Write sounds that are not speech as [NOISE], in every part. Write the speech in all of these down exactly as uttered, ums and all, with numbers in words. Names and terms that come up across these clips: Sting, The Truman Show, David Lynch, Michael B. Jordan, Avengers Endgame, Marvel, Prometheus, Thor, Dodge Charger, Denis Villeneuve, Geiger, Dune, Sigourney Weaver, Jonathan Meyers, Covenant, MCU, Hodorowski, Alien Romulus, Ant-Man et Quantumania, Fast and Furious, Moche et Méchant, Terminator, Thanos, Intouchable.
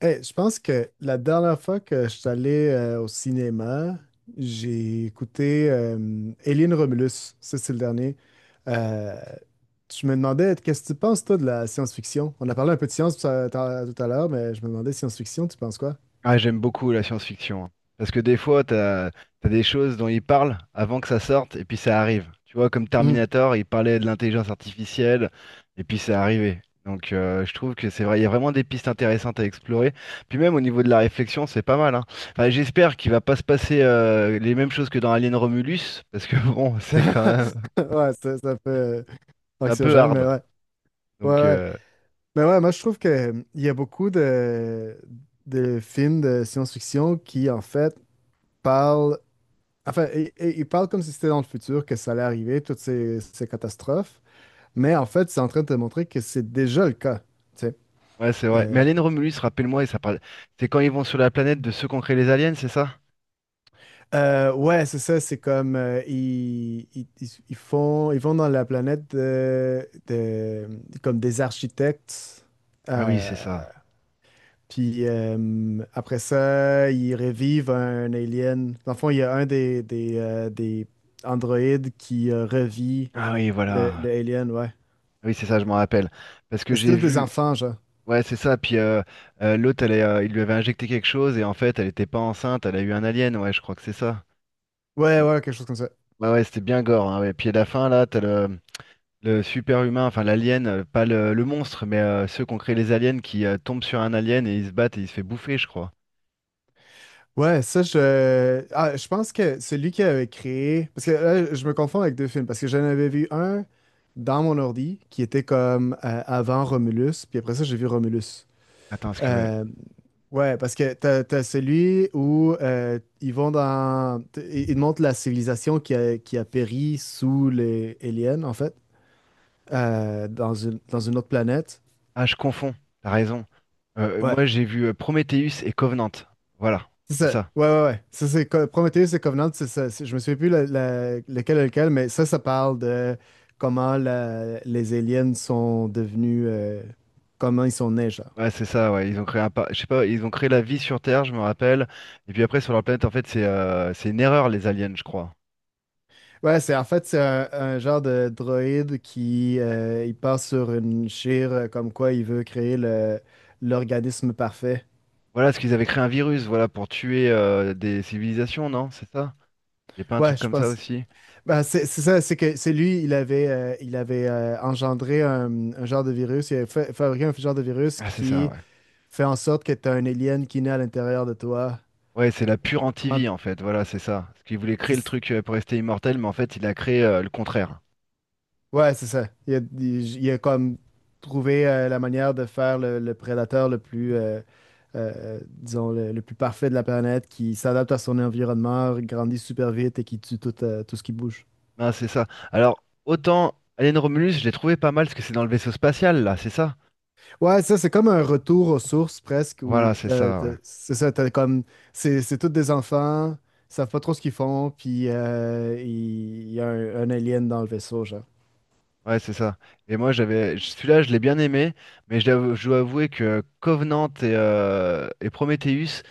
Hey, je pense que la dernière fois que je suis allé euh, au cinéma, j'ai écouté euh, Alien Romulus. Ça, c'est le dernier. Euh, je me demandais, qu'est-ce que tu penses, toi, de la science-fiction? On a parlé un peu de science tout à tout à l'heure, mais je me demandais, science-fiction, tu penses quoi? Ah, j'aime beaucoup la science-fiction, hein. Parce que des fois, t'as, t'as des choses dont ils parlent avant que ça sorte, et puis ça arrive. Tu vois, comme Mhm. Terminator, il parlait de l'intelligence artificielle, et puis c'est arrivé. Donc euh, je trouve que c'est vrai, il y a vraiment des pistes intéressantes à explorer. Puis même au niveau de la réflexion, c'est pas mal, hein. Enfin, j'espère qu'il va pas se passer euh, les mêmes choses que dans Alien Romulus, parce que [LAUGHS] bon, [LAUGHS] c'est quand même Ouais, c'est c'est un peu euh, un peu anxiogène, mais hard. ouais. Ouais, Donc ouais. euh, Mais ouais, moi, je trouve que, euh, il y a beaucoup de, de films de science-fiction qui, en fait, parlent. Enfin, et- et il parle comme si c'était dans le futur, que ça allait arriver, toutes ces, ces catastrophes, mais en fait, c'est en train de te montrer que c'est déjà le cas. Tu sais. ouais, c'est vrai. Mais Euh, Alien Romulus, rappelle-moi, et ça parle... c'est quand ils vont sur la planète de ceux qui ont créé les aliens, c'est ça? euh, ouais, c'est ça, c'est comme euh, ils, ils- ils- ils font, ils vont dans la planète de, de- comme des architectes, Ah oui, euh, c'est ça. puis euh, après ça, ils revivent un alien. Dans le fond, il y a un des, des, euh, des androïdes qui euh, revit Ah oui, le, le voilà. alien, ouais. Oui, c'est ça, je m'en rappelle. Parce que Et c'est j'ai tous des vu. enfants, genre. Ouais, c'est ça. Puis euh, euh, l'autre, elle est, euh, il lui avait injecté quelque chose et en fait, elle était pas enceinte. Elle a eu un alien. Ouais, je crois que c'est ça. Ouais, Et- ouais, quelque chose comme ça. ouais, ouais, c'était bien gore, hein, ouais. Puis à la fin, là, t'as le, le super-humain, enfin l'alien, euh, pas le, le monstre, mais euh, ceux qui ont créé les aliens qui euh, tombent sur un alien et ils se battent et il se fait bouffer, je crois. Ouais, ça, je. Ah, je pense que c'est lui qui avait créé. Parce que là, je me confonds avec deux films. Parce que j'en avais vu un dans mon ordi qui était comme euh, avant Romulus. Puis après ça, j'ai vu Romulus. Attends, est-ce que ouais. Euh, Ouais, parce que t'as, t'as celui où euh, ils vont dans. t- Ils montrent la civilisation qui a, qui a péri sous les aliens, en fait, euh, dans une, dans une autre planète. Ah, je confonds. T'as raison. Euh, Ouais. Moi, j'ai vu euh, Prometheus et Covenant. Voilà, C'est c'est ça. ça. Ouais, ouais, ouais. Ça, c'est Co- Prometheus et Covenant, c'est ça. C'est- Je me souviens plus la- la- lequel est lequel, mais ça, ça parle de comment la- les aliens sont devenus, euh, comment ils sont nés, genre. Ouais, c'est ça, ouais. Ils ont créé un par- je sais pas, ils ont créé la vie sur Terre, je me rappelle. Et puis après, sur leur planète, en fait, c'est euh, c'est une erreur, les aliens, je crois. Ouais, c'est en fait, c'est un, un genre de droïde qui euh, il part sur une chire euh, comme quoi il veut créer le- l'organisme parfait. Voilà, parce qu'ils avaient créé un virus, voilà, pour tuer euh, des civilisations, non? C'est ça? Il a pas un Ouais, truc je comme ça pense. aussi? Ben, c'est c'est ça, c'est que c'est lui, il avait, euh, il avait euh, engendré un, un genre de virus, il avait fa- fabriqué un genre de virus Ah, c'est ça, qui ouais. fait en sorte que tu as un alien qui naît à l'intérieur de toi. Ouais, c'est la pure Il prend- anti-vie, en fait. Voilà, c'est ça. Parce qu'il voulait créer le truc euh, pour rester immortel, mais en fait, il a créé euh, le contraire. Ouais, c'est ça. Il a, il- il a comme trouvé euh, la manière de faire le, le prédateur le plus, euh, euh, disons, le, le plus parfait de la planète, qui s'adapte à son environnement, grandit super vite et qui tue tout, euh, tout ce qui bouge. Ah, c'est ça. Alors, autant Alien Romulus, je l'ai trouvé pas mal, parce que c'est dans le vaisseau spatial, là, c'est ça? Ouais, ça, c'est comme un retour aux sources presque, où Voilà, c'est t'as- ça, ouais. t'as- c'est ça, t'as comme, c'est c'est tous des enfants, ils savent pas trop ce qu'ils font, puis euh, il il y a un, un alien dans le vaisseau, genre. Ouais, c'est ça. Et moi, j'avais celui-là, je l'ai bien aimé, mais je dois je dois avouer que Covenant et, euh, et Prometheus,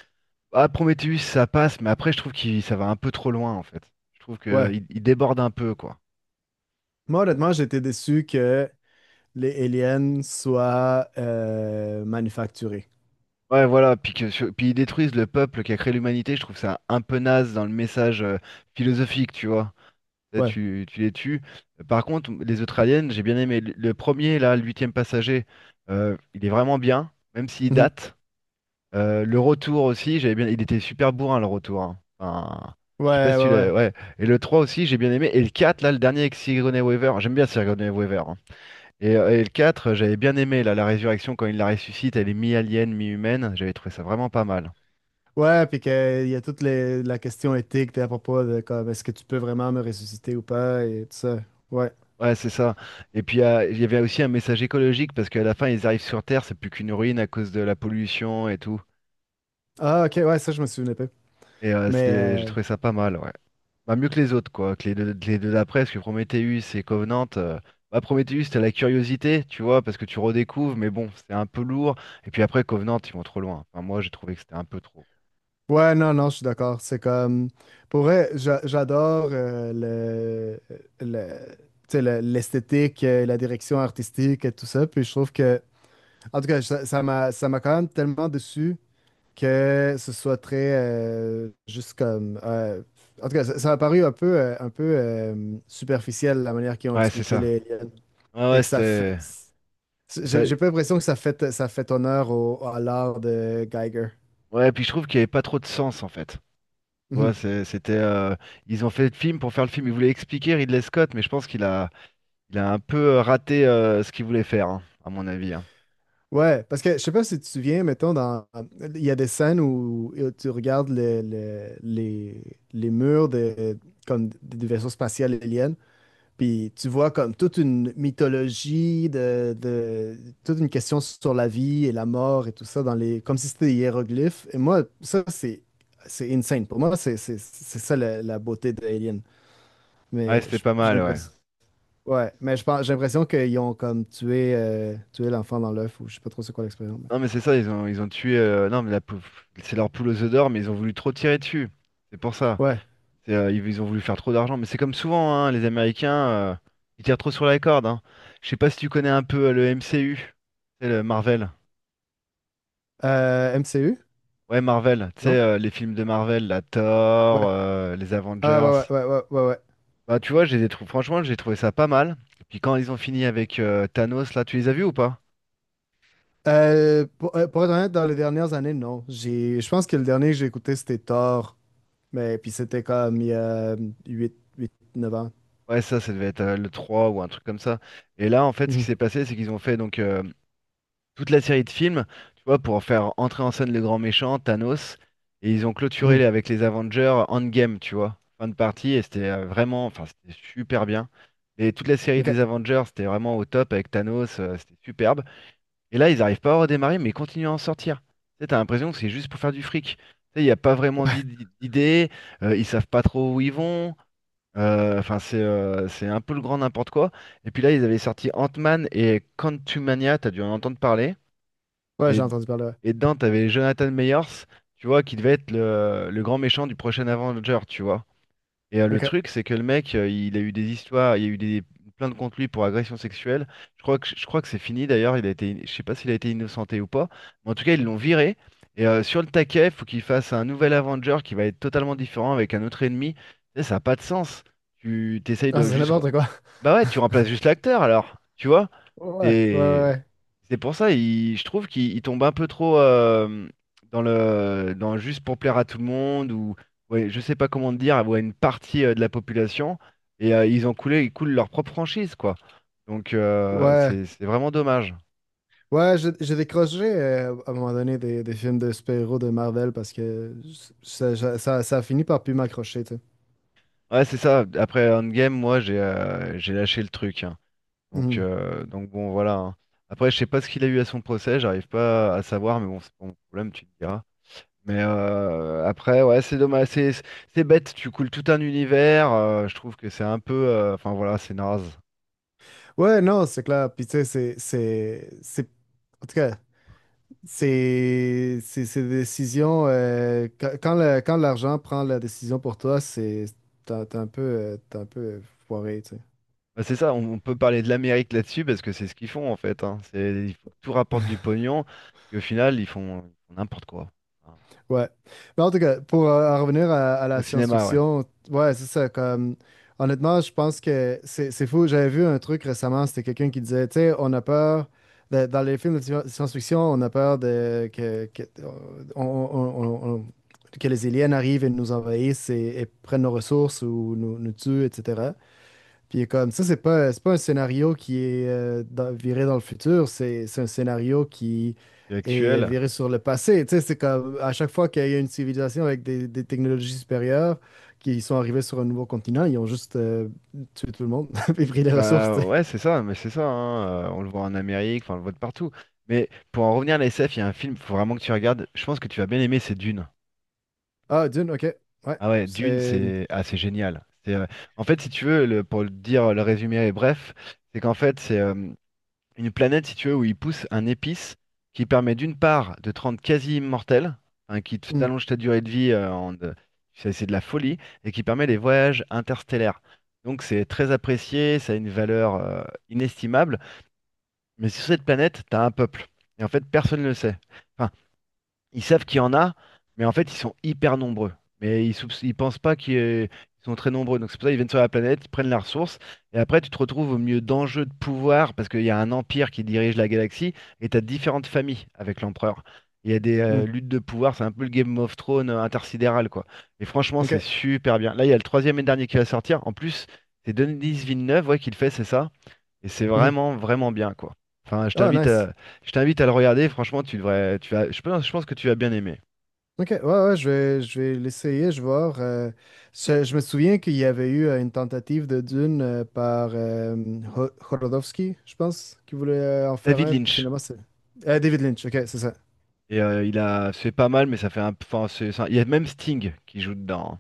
ah, Prometheus, ça passe, mais après, je trouve que ça va un peu trop loin, en fait. Je trouve Ouais. qu'il il déborde un peu, quoi. Moi, honnêtement, j'ai été déçu que les aliens soient euh, manufacturés. Ouais, voilà, puis, que, sur- puis ils détruisent le peuple qui a créé l'humanité, je trouve ça un peu naze dans le message euh, philosophique, tu vois. Là, Ouais. tu, tu les tues. Par contre, les autres aliens, j'ai bien aimé. Le le premier, là, le huitième passager, euh, il est vraiment bien, même s'il Mhm. date. Euh, le retour aussi, j'avais bien... il était super bourrin le retour, hein. Enfin, Ouais, je sais pas ouais, si tu l'as. ouais. Ouais. Et le trois aussi, j'ai bien aimé. Et le quatre là, le dernier avec Sigourney Weaver. J'aime bien Sigourney Weaver, hein. Et, euh, et le quatre, euh, j'avais bien aimé là, la résurrection quand il la ressuscite. Elle est mi-alien, mi-humaine. J'avais trouvé ça vraiment pas mal. Ouais, puis qu'il y a toute les- la question éthique puis à propos de comme est-ce que tu peux vraiment me ressusciter ou pas et tout ça. Ouais. Ouais, c'est ça. Et puis euh, il y avait aussi un message écologique parce qu'à la fin, ils arrivent sur Terre, c'est plus qu'une ruine à cause de la pollution et tout. Ah, ok, ouais, ça, je me souvenais pas. Et euh, Mais c'était... j'ai euh, trouvé ça pas mal, ouais. Bah, mieux que les autres, quoi, que les deux, que les deux d'après, parce que Prometheus et Covenant, euh, bah, Prometheus, t'as la curiosité, tu vois, parce que tu redécouvres, mais bon, c'est un peu lourd. Et puis après, Covenant, ils vont trop loin. Enfin, moi, j'ai trouvé que c'était un peu trop. ouais, non, non, je suis d'accord. C'est comme. Pour vrai, j'a- j'adore euh, le, le, tu sais, le- l'esthétique, euh, la direction artistique et tout ça. Puis je trouve que. En tout cas, ça ça m'a ça m'a quand même tellement déçu que ce soit très euh, juste comme euh, en tout cas ça, ça a paru un peu euh, un peu euh, superficiel la manière qu'ils ont Ouais, c'est expliqué ça. les aliens Ouais, et ouais, que ça fait c'était. C'est j'ai ça. j'ai pas l'impression que ça fait ça fait honneur au, à l'art de Geiger. Ouais, puis je trouve qu'il n'y avait pas trop de sens, en fait. Tu Mhm. vois, c'est- c'était. Euh, Ils ont fait le film pour faire le film. Ils voulaient expliquer Ridley Scott, mais je pense qu'il a, il a un peu euh, raté euh, ce qu'il voulait faire, hein, à mon avis, hein. Ouais parce que je sais pas si tu te souviens mettons dans il y a des scènes où, où tu regardes le- le- les les murs de comme des des vaisseaux spatiaux aliens. Puis tu vois comme toute une mythologie de, de- toute une question sur la vie et la mort et tout ça dans les comme si c'était des hiéroglyphes. Et moi, ça c'est c'est insane. Pour moi, c'est c'est- c'est ça la, la beauté de Alien. Ouais, Mais c'était j- pas j'ai mal, ouais. l'impression ouais, mais je pense j'ai l'impression qu'ils ont comme tué euh, tué l'enfant dans l'œuf ou je sais pas trop c'est quoi l'expérience. Mais- Non, mais c'est ça, ils ont, ils ont tué. euh, Non, mais la pou- c'est leur poule aux œufs d'or, mais ils ont voulu trop tirer dessus. C'est pour ça. Ouais. C'est, euh, ils, ils ont voulu faire trop d'argent. Mais c'est comme souvent, hein, les Américains, euh, ils tirent trop sur la corde. Hein. Je sais pas si tu connais un peu euh, le M C U, c'est le Marvel. Euh, M C U? Ouais, Marvel. Tu sais, Non? euh, les films de Marvel, la Thor, Ouais. euh, les Ah Avengers. ouais ouais ouais ouais ouais. Ouais. Bah, tu vois, j'ai des trous. Franchement, j'ai trouvé ça pas mal. Et puis quand ils ont fini avec euh, Thanos, là, tu les as vus ou pas? Euh, pour, euh, pour être honnête, dans les dernières années, non. J'ai, je pense que le dernier que j'ai écouté, c'était Thor. Mais puis c'était comme il y a huit, huit neuf ans. Ouais, ça, ça devait être euh, le trois ou un truc comme ça. Et là, en fait, ce qui Mhm. s'est passé, c'est qu'ils ont fait donc. euh, Toute la série de films, tu vois, pour faire entrer en scène le grand méchant, Thanos. Et ils ont clôturé Mhm. les- avec les Avengers Endgame, tu vois, fin de partie. Et c'était euh, vraiment, enfin, c'était super bien. Et toute la série OK. des Avengers, c'était vraiment au top avec Thanos, euh, c'était superbe. Et là, ils n'arrivent pas à redémarrer, mais ils continuent à en sortir. Tu sais, t'as l'impression que c'est juste pour faire du fric. Tu sais, il n'y a pas vraiment Ouais, d'id- d'idée, euh, ils savent pas trop où ils vont. euh, Enfin, c'est euh, c'est un peu le grand n'importe quoi. Et puis là, ils avaient sorti Ant-Man et Quantumania, t'as dû en entendre parler. ouais, j'ai Et, entendu parler. Ouais. et dedans, t'avais Jonathan Meyers, tu vois, qui devait être le, le grand méchant du prochain Avenger, tu vois. Et euh, le OK. truc, c'est que le mec, euh, il a eu des histoires, il y a eu des plaintes contre lui pour agression sexuelle. Je crois que, je crois que c'est fini d'ailleurs, il a été, je sais pas s'il a été innocenté ou pas, mais en tout cas, ils l'ont viré. Et euh, sur le taquet, il faut qu'il fasse un nouvel Avenger qui va être totalement différent avec un autre ennemi. Tu sais, ça n'a pas de sens. Tu t'essayes Ah, de c'est juste n'importe quoi. bah ouais, tu remplaces [LAUGHS] juste l'acteur alors, tu vois? Ouais, ouais, T'es- ouais. c'est pour ça, il- je trouve qu'il il tombe un peu trop euh, dans le dans juste pour plaire à tout le monde ou ouais, je sais pas comment te dire, ou à une partie euh, de la population et euh, ils ont coulé, ils coulent leur propre franchise quoi. Donc euh, Ouais, c'est c'est vraiment dommage. ouais, j'ai j'ai décroché euh, à un moment donné des, des films de super-héros de Marvel parce que ça, ça, ça- ça a fini par plus m'accrocher, tu sais. Ouais, c'est ça. Après Endgame, moi j'ai euh, j'ai lâché le truc, hein. Donc Mhm. euh, donc bon voilà, hein. Après, je sais pas ce qu'il a eu à son procès, j'arrive pas à savoir, mais bon, c'est pas mon problème, tu me diras. Mais euh, après, ouais, c'est dommage, c'est c'est- c'est bête, tu coules tout un univers, euh, je trouve que c'est un peu, euh, enfin voilà, c'est naze. Ouais, non, c'est clair. Puis tu sais, c'est, c'est, c'est... En tout cas, c'est c'est- c'est des décisions. Euh, quand quand le- quand l'argent prend la décision pour toi, c'est t'es un t'es un peu, euh, t'es un peu euh, foiré, tu sais. Bah, c'est ça, on, on peut parler de l'Amérique là-dessus parce que c'est ce qu'ils font en fait, hein. C'est, il faut que tout rapporte du pognon, puis au final, ils font, ils font n'importe quoi. Enfin, Ouais. Mais en tout cas, pour euh, en revenir à, à au la cinéma, ouais, science-fiction, ouais, c'est ça. Comme, honnêtement, je pense que c'est c'est fou. J'avais vu un truc récemment, c'était quelqu'un qui disait, tu sais, on a peur. De- dans les films de sci- science-fiction, on a peur de, que, que- on- on- on- on- que les aliens arrivent et nous envahissent et, et prennent nos ressources ou nous, nous tuent, et cætera. Puis il est comme ça, c'est pas, c'est pas un scénario qui est euh, dans- viré dans le futur, c'est c'est un scénario qui c'est est actuel. viré sur le passé. Tu sais, c'est comme à chaque fois qu'il y a une civilisation avec des, des technologies supérieures qui sont arrivées sur un nouveau continent, ils ont juste euh, tué tout le monde [LAUGHS] et pris les ressources. Tu Bah sais. ouais, c'est ça, mais c'est ça, hein, euh, on le voit en Amérique, enfin on le voit de partout. Mais pour en revenir à la S F, il y a un film, faut vraiment que tu regardes, je pense que tu vas bien aimer, c'est Dune. Ah, Dune, ok. Ouais, Ah ouais, Dune, c'est. c'est ah, c'est génial. C'est, euh, en fait, si tu veux, le- pour le dire, le résumé est bref, c'est qu'en fait, c'est euh, une planète, si tu veux, où ils poussent un épice qui permet d'une part de te rendre quasi immortel, hein, qui te- Hmm, t'allonge ta durée de vie, euh, en... de- c'est c'est de la folie, et qui permet les voyages interstellaires. Donc c'est très apprécié, ça a une valeur euh, inestimable, mais sur cette planète, t'as un peuple. Et en fait, personne ne le sait. Enfin, ils savent qu'il y en a, mais en fait, ils sont hyper nombreux. Mais ils, soupç- ils pensent pas qu'ils euh, ils sont très nombreux. Donc c'est pour ça qu'ils viennent sur la planète, ils prennent la ressource, et après, tu te retrouves au milieu d'enjeux de pouvoir, parce qu'il y a un empire qui dirige la galaxie, et tu as différentes familles avec l'empereur. Il y a des euh, hmm, luttes de pouvoir, c'est un peu le Game of Thrones euh, intersidéral, quoi. Et franchement, ok. c'est super bien. Là, il y a le troisième et dernier qui va sortir. En plus, c'est Denis Villeneuve, ouais, qui le fait, c'est ça? Et c'est Mhm. vraiment, vraiment bien, quoi. Enfin, je Ah, t'invite nice. à, je t'invite à le regarder. Franchement, tu devrais, tu vas, je pense, je pense que tu vas bien aimer. Ok, ouais, ouais, je vais, je vais l'essayer, je vais voir. euh, je, je me souviens qu'il y avait eu euh, une tentative de Dune euh, par euh, Ho- Hodorowski, je pense, qui voulait euh, en faire David un, puis Lynch. finalement c'est... Euh, David Lynch, ok, c'est ça. Et euh, il a, c'est pas mal, mais ça fait un, enfin, c'est, c'est un- il y a même Sting qui joue dedans, hein.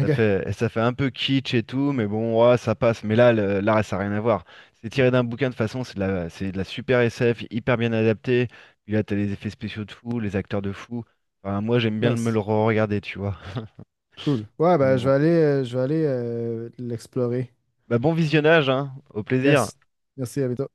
Ça fait, ça fait un peu kitsch et tout, mais bon, ouais, ça passe. Mais là, le- là, ça n'a rien à voir. C'est tiré d'un bouquin de toute façon, c'est de la, c'est de la super S F, hyper bien adapté. Puis là, t'as les effets spéciaux de fou, les acteurs de fou. Enfin, moi, j'aime bien me le nice, re-regarder, tu vois. cool. Ouais, ben Donc je bon, vais aller, euh, je vais aller euh, l'explorer. bah, bon visionnage, hein. Au plaisir. Yes, merci, à bientôt.